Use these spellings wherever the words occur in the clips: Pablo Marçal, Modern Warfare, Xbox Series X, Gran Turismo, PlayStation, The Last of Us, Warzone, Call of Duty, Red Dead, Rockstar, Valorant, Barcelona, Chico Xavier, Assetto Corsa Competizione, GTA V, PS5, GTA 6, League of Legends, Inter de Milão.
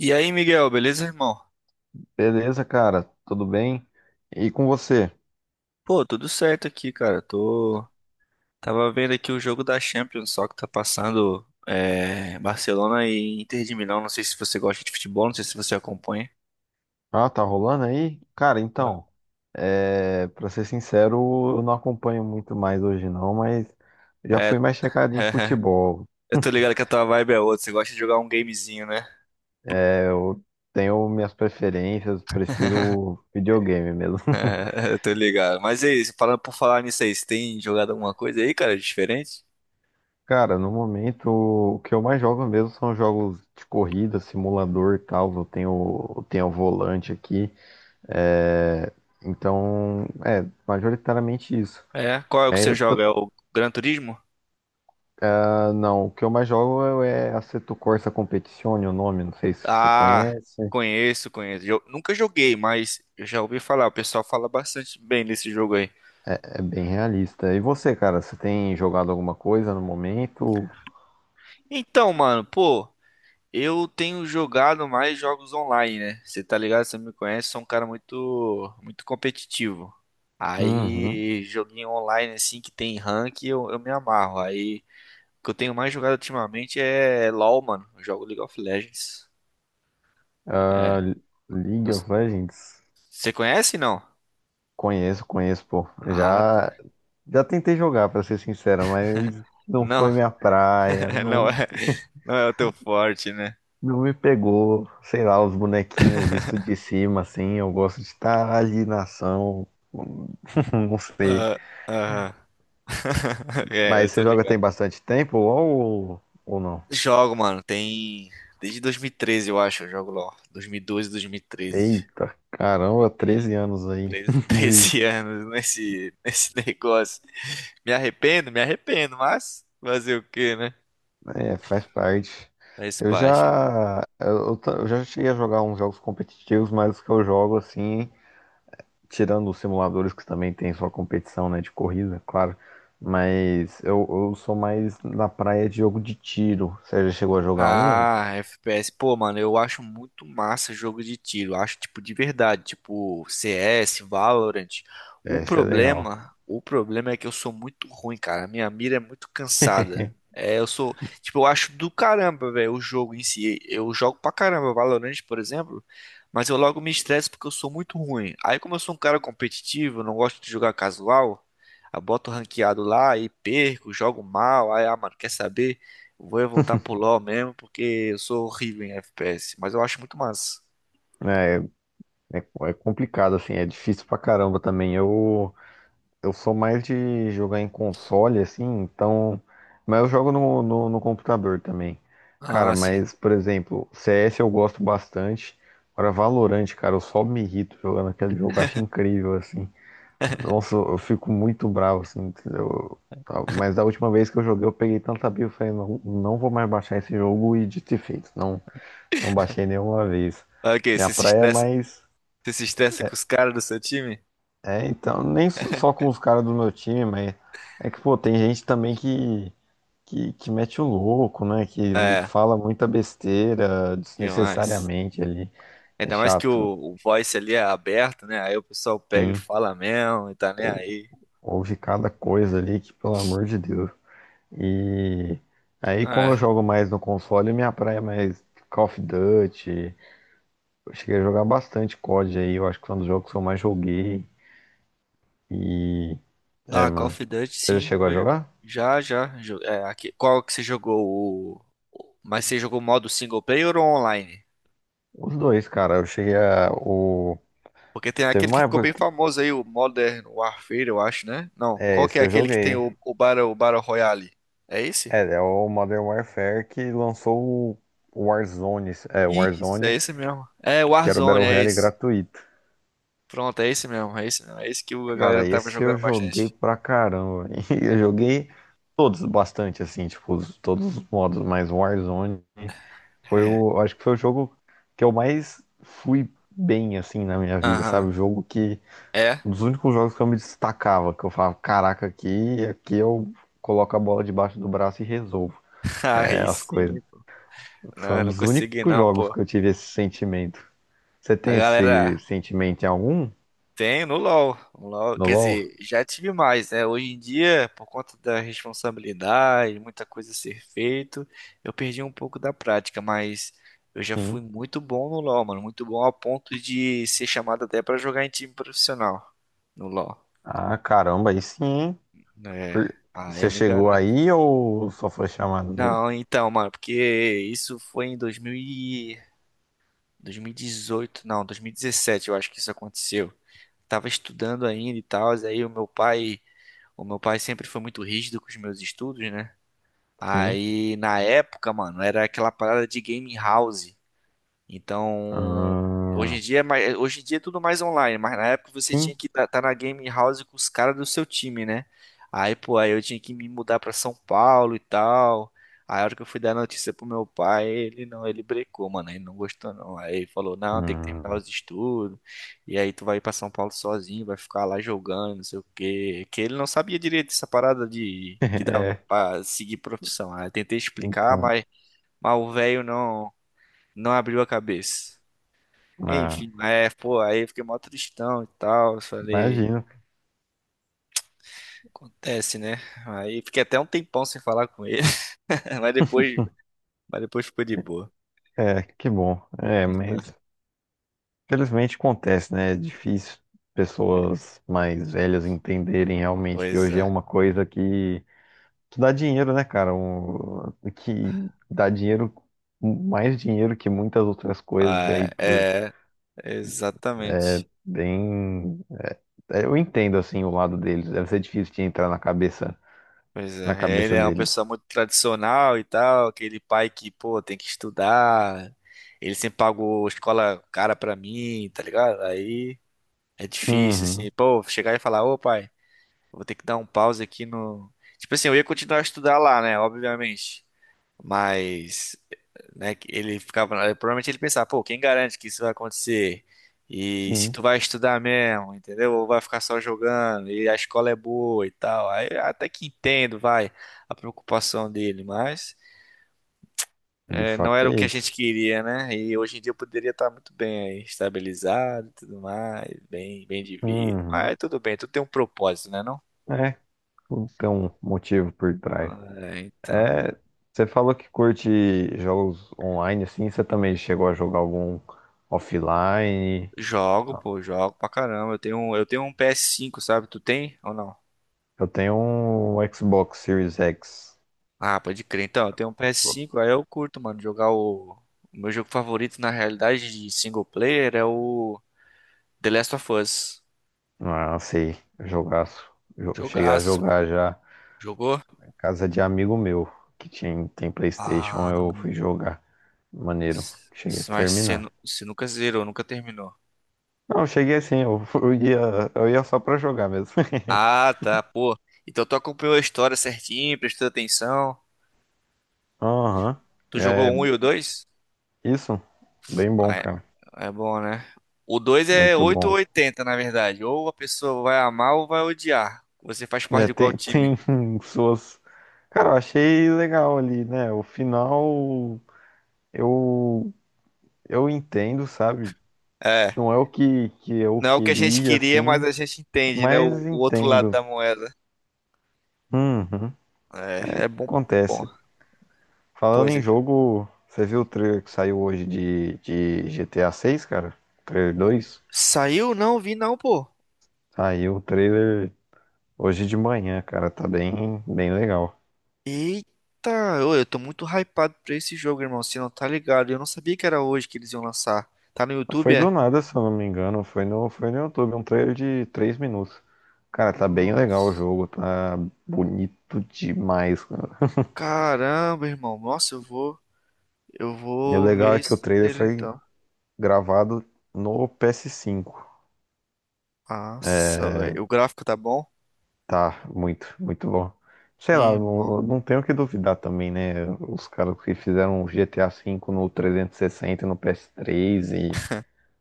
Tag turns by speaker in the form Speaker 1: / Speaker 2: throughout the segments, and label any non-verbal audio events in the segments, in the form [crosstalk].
Speaker 1: E aí, Miguel, beleza, irmão?
Speaker 2: Beleza, cara, tudo bem? E com você?
Speaker 1: Pô, tudo certo aqui, cara. Tô tava vendo aqui o jogo da Champions, só que tá passando Barcelona e Inter de Milão. Não sei se você gosta de futebol, não sei se você acompanha.
Speaker 2: Ah, tá rolando aí? Cara,
Speaker 1: Tá.
Speaker 2: então, pra ser sincero, eu não acompanho muito mais hoje não, mas já
Speaker 1: É,
Speaker 2: fui mais chegado em
Speaker 1: [laughs]
Speaker 2: futebol.
Speaker 1: eu tô ligado que a tua vibe é outra. Você gosta de jogar um gamezinho, né?
Speaker 2: É, eu tenho minhas preferências, prefiro videogame mesmo.
Speaker 1: É,
Speaker 2: [laughs]
Speaker 1: [laughs] eu tô ligado. Mas é isso. Falando por falar nisso aí, você tem jogado alguma coisa aí, cara, diferente?
Speaker 2: Cara, no momento, o que eu mais jogo mesmo são jogos de corrida, simulador e tal. Eu tenho o volante aqui. É, então, majoritariamente isso.
Speaker 1: É. Qual é o que
Speaker 2: É,
Speaker 1: você
Speaker 2: eu t-
Speaker 1: joga? É o Gran Turismo?
Speaker 2: Não, o que eu mais jogo é Assetto Corsa Competizione, o nome, não sei se você
Speaker 1: Ah,
Speaker 2: conhece.
Speaker 1: conheço, conheço. Eu nunca joguei, mas eu já ouvi falar. O pessoal fala bastante bem desse jogo aí.
Speaker 2: É bem realista. E você, cara, você tem jogado alguma coisa no momento?
Speaker 1: Então, mano, pô, eu tenho jogado mais jogos online, né? Você tá ligado? Você me conhece, sou um cara muito, muito competitivo.
Speaker 2: Uhum.
Speaker 1: Aí, joguinho online assim que tem rank, eu me amarro. Aí, o que eu tenho mais jogado ultimamente é LoL, mano. Eu jogo League of Legends.
Speaker 2: Ah,
Speaker 1: É.
Speaker 2: League of Legends.
Speaker 1: Você conhece, não?
Speaker 2: Conheço, conheço, pô.
Speaker 1: Ah, tá.
Speaker 2: Já tentei jogar, pra ser sincero, mas não
Speaker 1: Não,
Speaker 2: foi minha praia,
Speaker 1: [laughs] não
Speaker 2: não,
Speaker 1: é, não é o teu forte, né?
Speaker 2: não me pegou. Sei lá, os bonequinhos visto de cima, assim, eu gosto de estar ali na ação, [laughs] não sei.
Speaker 1: Ah, aham. [laughs] É, eu
Speaker 2: Mas
Speaker 1: tô
Speaker 2: você joga
Speaker 1: ligado.
Speaker 2: tem bastante tempo ou não?
Speaker 1: Jogo, mano, tem. Desde 2013, eu acho, eu jogo LOL. 2012, 2013.
Speaker 2: Eita, caramba, 13
Speaker 1: Tem
Speaker 2: anos aí.
Speaker 1: 13 [laughs]
Speaker 2: [laughs] de-
Speaker 1: 13 anos nesse negócio. Me arrependo, mas fazer o quê, né?
Speaker 2: É, faz parte.
Speaker 1: Faz parte.
Speaker 2: Eu já cheguei a jogar uns jogos competitivos, mas os que eu jogo assim, tirando os simuladores que também tem sua competição, né, de corrida, claro. Mas eu sou mais na praia de jogo de tiro. Você já chegou a jogar um?
Speaker 1: Ah, FPS. Pô, mano, eu acho muito massa jogo de tiro. Acho, tipo, de verdade. Tipo, CS, Valorant. O
Speaker 2: É, esse é legal.
Speaker 1: problema, o problema é que eu sou muito ruim, cara. Minha mira é muito cansada. É, eu acho do caramba, velho, o jogo em si. Eu jogo pra caramba Valorant, por exemplo, mas eu logo me estresso porque eu sou muito ruim. Aí, como eu sou um cara competitivo, eu não gosto de jogar casual, eu boto ranqueado lá e perco, jogo mal. Aí, ah, mano, quer saber? Vou eu voltar pro LoL mesmo, porque eu sou horrível em FPS, mas eu acho muito massa.
Speaker 2: É, é, é complicado assim, é difícil pra caramba também. Eu sou mais de jogar em console, assim, então. Mas eu jogo no computador também. Cara,
Speaker 1: Ah, sim.
Speaker 2: mas, por exemplo, CS eu gosto bastante. Agora, Valorant, cara, eu só me irrito jogando aquele jogo, eu acho incrível, assim. Nossa, eu fico muito bravo, assim, entendeu? Tá, mas da última vez que eu joguei, eu peguei tanta birra, eu falei, não, não vou mais baixar esse jogo, e dito e feito. Não, não baixei nenhuma vez.
Speaker 1: Ah, ok,
Speaker 2: Minha
Speaker 1: você se
Speaker 2: praia é
Speaker 1: estressa,
Speaker 2: mais.
Speaker 1: você se estressa com os caras do seu time?
Speaker 2: É, então, nem s- só com os caras do meu time, mas é que, pô, tem gente também que mete o louco, né? Que
Speaker 1: É,
Speaker 2: fala muita besteira
Speaker 1: demais.
Speaker 2: desnecessariamente ali. É
Speaker 1: Ainda mais que o,
Speaker 2: chato,
Speaker 1: o voice ali é aberto, né? Aí o pessoal pega e
Speaker 2: sim.
Speaker 1: fala mesmo e tá nem
Speaker 2: Ou,
Speaker 1: aí.
Speaker 2: ouve cada coisa ali que, pelo amor de Deus. E aí, como
Speaker 1: É.
Speaker 2: eu jogo mais no console, minha praia é mais Call of Duty. Eu cheguei a jogar bastante COD aí, eu acho que foi um dos jogos que eu mais joguei. E, é,
Speaker 1: Ah, Call of
Speaker 2: mano.
Speaker 1: Duty,
Speaker 2: Você já
Speaker 1: sim.
Speaker 2: chegou a
Speaker 1: Eu
Speaker 2: jogar?
Speaker 1: já, já. É, aqui. Qual que você jogou? Mas você jogou modo single player ou online?
Speaker 2: Os dois, cara, eu cheguei a.
Speaker 1: Porque tem
Speaker 2: Teve
Speaker 1: aquele que
Speaker 2: uma
Speaker 1: ficou
Speaker 2: época
Speaker 1: bem
Speaker 2: que.
Speaker 1: famoso aí, o Modern Warfare, eu acho, né? Não,
Speaker 2: É,
Speaker 1: qual que é
Speaker 2: esse eu
Speaker 1: aquele que tem
Speaker 2: joguei.
Speaker 1: o Battle Royale? É esse?
Speaker 2: É, é o Modern Warfare que lançou o Warzone,
Speaker 1: Isso, é esse mesmo. É, o
Speaker 2: Que era o
Speaker 1: Warzone,
Speaker 2: Battle
Speaker 1: é
Speaker 2: Royale
Speaker 1: esse.
Speaker 2: gratuito.
Speaker 1: Pronto, é esse mesmo, é esse mesmo. É esse que a
Speaker 2: Cara,
Speaker 1: galera tava
Speaker 2: esse eu
Speaker 1: jogando
Speaker 2: joguei
Speaker 1: bastante.
Speaker 2: pra caramba. [laughs] E eu joguei todos bastante, assim, tipo, todos os modos, mas o Warzone foi
Speaker 1: É.
Speaker 2: o. Acho que foi o jogo que eu mais fui bem, assim, na minha vida, sabe?
Speaker 1: Aham.
Speaker 2: O jogo que
Speaker 1: É?
Speaker 2: Um dos únicos jogos que eu me destacava, que eu falava, caraca, aqui eu coloco a bola debaixo do braço e resolvo,
Speaker 1: [laughs]
Speaker 2: é,
Speaker 1: Aí
Speaker 2: as
Speaker 1: sim.
Speaker 2: coisas. Foi
Speaker 1: Não,
Speaker 2: um
Speaker 1: eu não
Speaker 2: dos
Speaker 1: consegui
Speaker 2: únicos
Speaker 1: não,
Speaker 2: jogos
Speaker 1: pô.
Speaker 2: que eu tive esse sentimento. Você
Speaker 1: A
Speaker 2: tem esse
Speaker 1: galera,
Speaker 2: sentimento em algum?
Speaker 1: Tenho no LoL. No LoL,
Speaker 2: No
Speaker 1: quer
Speaker 2: LoL?
Speaker 1: dizer, já tive mais, né? Hoje em dia, por conta da responsabilidade, muita coisa a ser feito, eu perdi um pouco da prática, mas eu já fui
Speaker 2: Sim.
Speaker 1: muito bom no LoL, mano, muito bom a ponto de ser chamado até pra jogar em time profissional no LoL,
Speaker 2: Ah, caramba, aí sim, hein?
Speaker 1: né?
Speaker 2: Por-
Speaker 1: Ah,
Speaker 2: Você
Speaker 1: eu me
Speaker 2: chegou
Speaker 1: garanto.
Speaker 2: aí ou só foi chamado mesmo?
Speaker 1: Não, então, mano, porque isso foi em 2000 e- 2018, não, 2017, eu acho que isso aconteceu. Tava estudando ainda e tal, aí o meu pai O meu pai sempre foi muito rígido com os meus estudos, né?
Speaker 2: Sim.
Speaker 1: Aí, na época, mano, era aquela parada de game house. Então, hoje em
Speaker 2: Ah,
Speaker 1: dia, hoje em dia é tudo mais online, mas na época você tinha
Speaker 2: sim.
Speaker 1: que estar na game house com os caras do seu time, né? Aí, pô, aí eu tinha que me mudar pra São Paulo e tal. Aí, a hora que eu fui dar notícia pro meu pai, ele não, ele brecou, mano, ele não gostou não. Aí ele falou: "Não, tem que terminar
Speaker 2: Hum.
Speaker 1: os estudos. E aí tu vai pra São Paulo sozinho, vai ficar lá jogando, não sei o quê". Que ele não sabia direito essa parada de
Speaker 2: [laughs]
Speaker 1: que dava
Speaker 2: É,
Speaker 1: pra seguir profissão. Aí eu tentei explicar,
Speaker 2: então.
Speaker 1: mas, o velho não abriu a cabeça.
Speaker 2: Ah,
Speaker 1: Enfim, é, pô, aí eu fiquei mó tristão e tal. Eu falei,
Speaker 2: imagino.
Speaker 1: acontece, né? Aí fiquei até um tempão sem falar com ele, [laughs] mas depois, mas depois ficou de boa.
Speaker 2: É, que bom. É, mas
Speaker 1: Uhum.
Speaker 2: felizmente acontece, né? É difícil pessoas mais velhas entenderem realmente que
Speaker 1: Pois
Speaker 2: hoje é
Speaker 1: é.
Speaker 2: uma coisa que dá dinheiro, né, cara? Que dá dinheiro, mais dinheiro que muitas outras coisas aí
Speaker 1: Ah,
Speaker 2: por
Speaker 1: é, exatamente.
Speaker 2: bem. É, eu entendo assim o lado deles. Deve ser difícil de entrar
Speaker 1: Pois
Speaker 2: na
Speaker 1: é, ele
Speaker 2: cabeça
Speaker 1: é uma pessoa
Speaker 2: deles.
Speaker 1: muito tradicional e tal, aquele pai que, pô, tem que estudar. Ele sempre pagou escola cara pra mim, tá ligado? Aí é difícil,
Speaker 2: Uhum,
Speaker 1: assim, pô, chegar e falar, ô pai. Eu vou ter que dar um pause aqui no. Tipo assim, eu ia continuar a estudar lá, né? Obviamente. Mas, né, que ele ficava. Provavelmente ele pensava, pô, quem garante que isso vai acontecer? E se
Speaker 2: sim,
Speaker 1: tu vai estudar mesmo, entendeu? Ou vai ficar só jogando, e a escola é boa e tal. Aí eu até que entendo, vai, a preocupação dele, mas
Speaker 2: de
Speaker 1: não
Speaker 2: fato
Speaker 1: era o
Speaker 2: é
Speaker 1: que a
Speaker 2: isso.
Speaker 1: gente queria, né? E hoje em dia eu poderia estar muito bem aí, estabilizado e tudo mais, bem, bem de vida.
Speaker 2: Uhum,
Speaker 1: Mas tudo bem, tu tem um propósito, né, não?
Speaker 2: é, tem um motivo por trás.
Speaker 1: É, então.
Speaker 2: É, você falou que curte jogos online, assim, você também chegou a jogar algum offline?
Speaker 1: Jogo, pô, jogo pra caramba. Eu tenho um PS5, sabe? Tu tem ou não?
Speaker 2: Eu tenho um Xbox Series X.
Speaker 1: Ah, pode crer. Então, eu tenho um PS5, aí eu curto, mano, jogar O meu jogo favorito, na realidade, de single player é o The Last of Us.
Speaker 2: Ah, sei, jogaço. Eu cheguei a
Speaker 1: Jogaço, mano.
Speaker 2: jogar já
Speaker 1: Jogou?
Speaker 2: casa de amigo meu, que tinha, tem
Speaker 1: Ah,
Speaker 2: PlayStation, eu fui jogar. Maneiro,
Speaker 1: s-
Speaker 2: cheguei a
Speaker 1: mas
Speaker 2: terminar.
Speaker 1: você nunca zerou, nunca terminou.
Speaker 2: Não, eu cheguei assim, eu, [laughs] eu ia só pra jogar mesmo. [laughs]
Speaker 1: Ah, tá, pô. Então tu acompanhou a história certinho, prestou atenção.
Speaker 2: Aham,
Speaker 1: Tu
Speaker 2: é
Speaker 1: jogou o 1 e o 2?
Speaker 2: isso, bem
Speaker 1: Ah,
Speaker 2: bom,
Speaker 1: é,
Speaker 2: cara,
Speaker 1: é bom, né? O 2 é
Speaker 2: muito
Speaker 1: 8 ou
Speaker 2: bom.
Speaker 1: 80, na verdade. Ou a pessoa vai amar ou vai odiar. Você faz parte
Speaker 2: É,
Speaker 1: de qual
Speaker 2: tem,
Speaker 1: time?
Speaker 2: [laughs] suas. Cara, eu achei legal ali, né? O final eu, eu entendo, sabe?
Speaker 1: É.
Speaker 2: Não é que eu
Speaker 1: Não é o que a gente
Speaker 2: queria,
Speaker 1: queria, mas
Speaker 2: assim,
Speaker 1: a gente entende, né? O,
Speaker 2: mas
Speaker 1: o outro lado
Speaker 2: entendo.
Speaker 1: da moeda.
Speaker 2: Uhum,
Speaker 1: É, é bom. Bom,
Speaker 2: acontece.
Speaker 1: pô,
Speaker 2: Falando em jogo, você viu o trailer que saiu hoje de GTA 6, cara? Trailer 2
Speaker 1: Saiu? Não, vi não, pô.
Speaker 2: Saiu o trailer hoje de manhã, cara. Tá bem, bem legal.
Speaker 1: Eita, eu tô muito hypado pra esse jogo, irmão. Você não tá ligado? Eu não sabia que era hoje que eles iam lançar. Tá no YouTube,
Speaker 2: Foi
Speaker 1: é?
Speaker 2: do nada, se eu não me engano. Foi foi no YouTube, um trailer de 3 minutos. Cara, tá bem legal o
Speaker 1: Nossa.
Speaker 2: jogo, tá bonito demais, cara.
Speaker 1: Caramba, irmão. Nossa, eu
Speaker 2: E o
Speaker 1: vou ver
Speaker 2: legal é que o
Speaker 1: esse
Speaker 2: trailer
Speaker 1: trailer,
Speaker 2: foi
Speaker 1: então.
Speaker 2: gravado no PS5.
Speaker 1: Nossa,
Speaker 2: É,
Speaker 1: velho. O gráfico tá bom?
Speaker 2: tá muito, muito bom. Sei lá,
Speaker 1: Irmão.
Speaker 2: não, não tenho o que duvidar também, né? Os caras que fizeram o GTA 5 no 360, e no PS3, e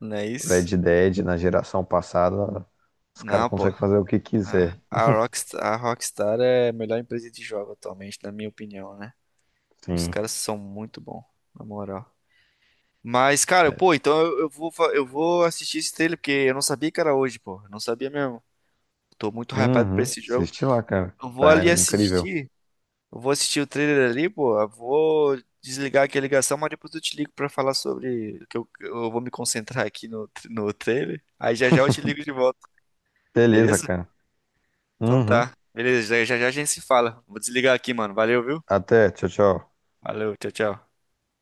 Speaker 1: Não é isso?
Speaker 2: Red Dead na geração passada, os caras
Speaker 1: Não, pô.
Speaker 2: conseguem fazer o que
Speaker 1: Ah,
Speaker 2: quiser.
Speaker 1: a Rockstar é a melhor empresa de jogo atualmente, na minha opinião, né? Os
Speaker 2: Sim.
Speaker 1: caras são muito bons, na moral. Mas, cara, pô, então eu vou assistir esse trailer, porque eu não sabia que era hoje, pô. Eu não sabia mesmo. Tô muito hypado pra
Speaker 2: Uhum.
Speaker 1: esse jogo.
Speaker 2: Assiste lá, cara.
Speaker 1: Eu vou ali
Speaker 2: Tá incrível.
Speaker 1: assistir. Eu vou assistir o trailer ali, pô. Eu vou desligar aqui a ligação, mas depois eu te ligo pra falar sobre. Que eu vou me concentrar aqui no trailer. Aí já já eu te ligo de volta,
Speaker 2: Beleza,
Speaker 1: beleza?
Speaker 2: cara.
Speaker 1: Então
Speaker 2: Uhum.
Speaker 1: tá. Beleza, já já já a gente se fala. Vou desligar aqui, mano. Valeu, viu?
Speaker 2: Até. Tchau, tchau.
Speaker 1: Valeu, tchau, tchau.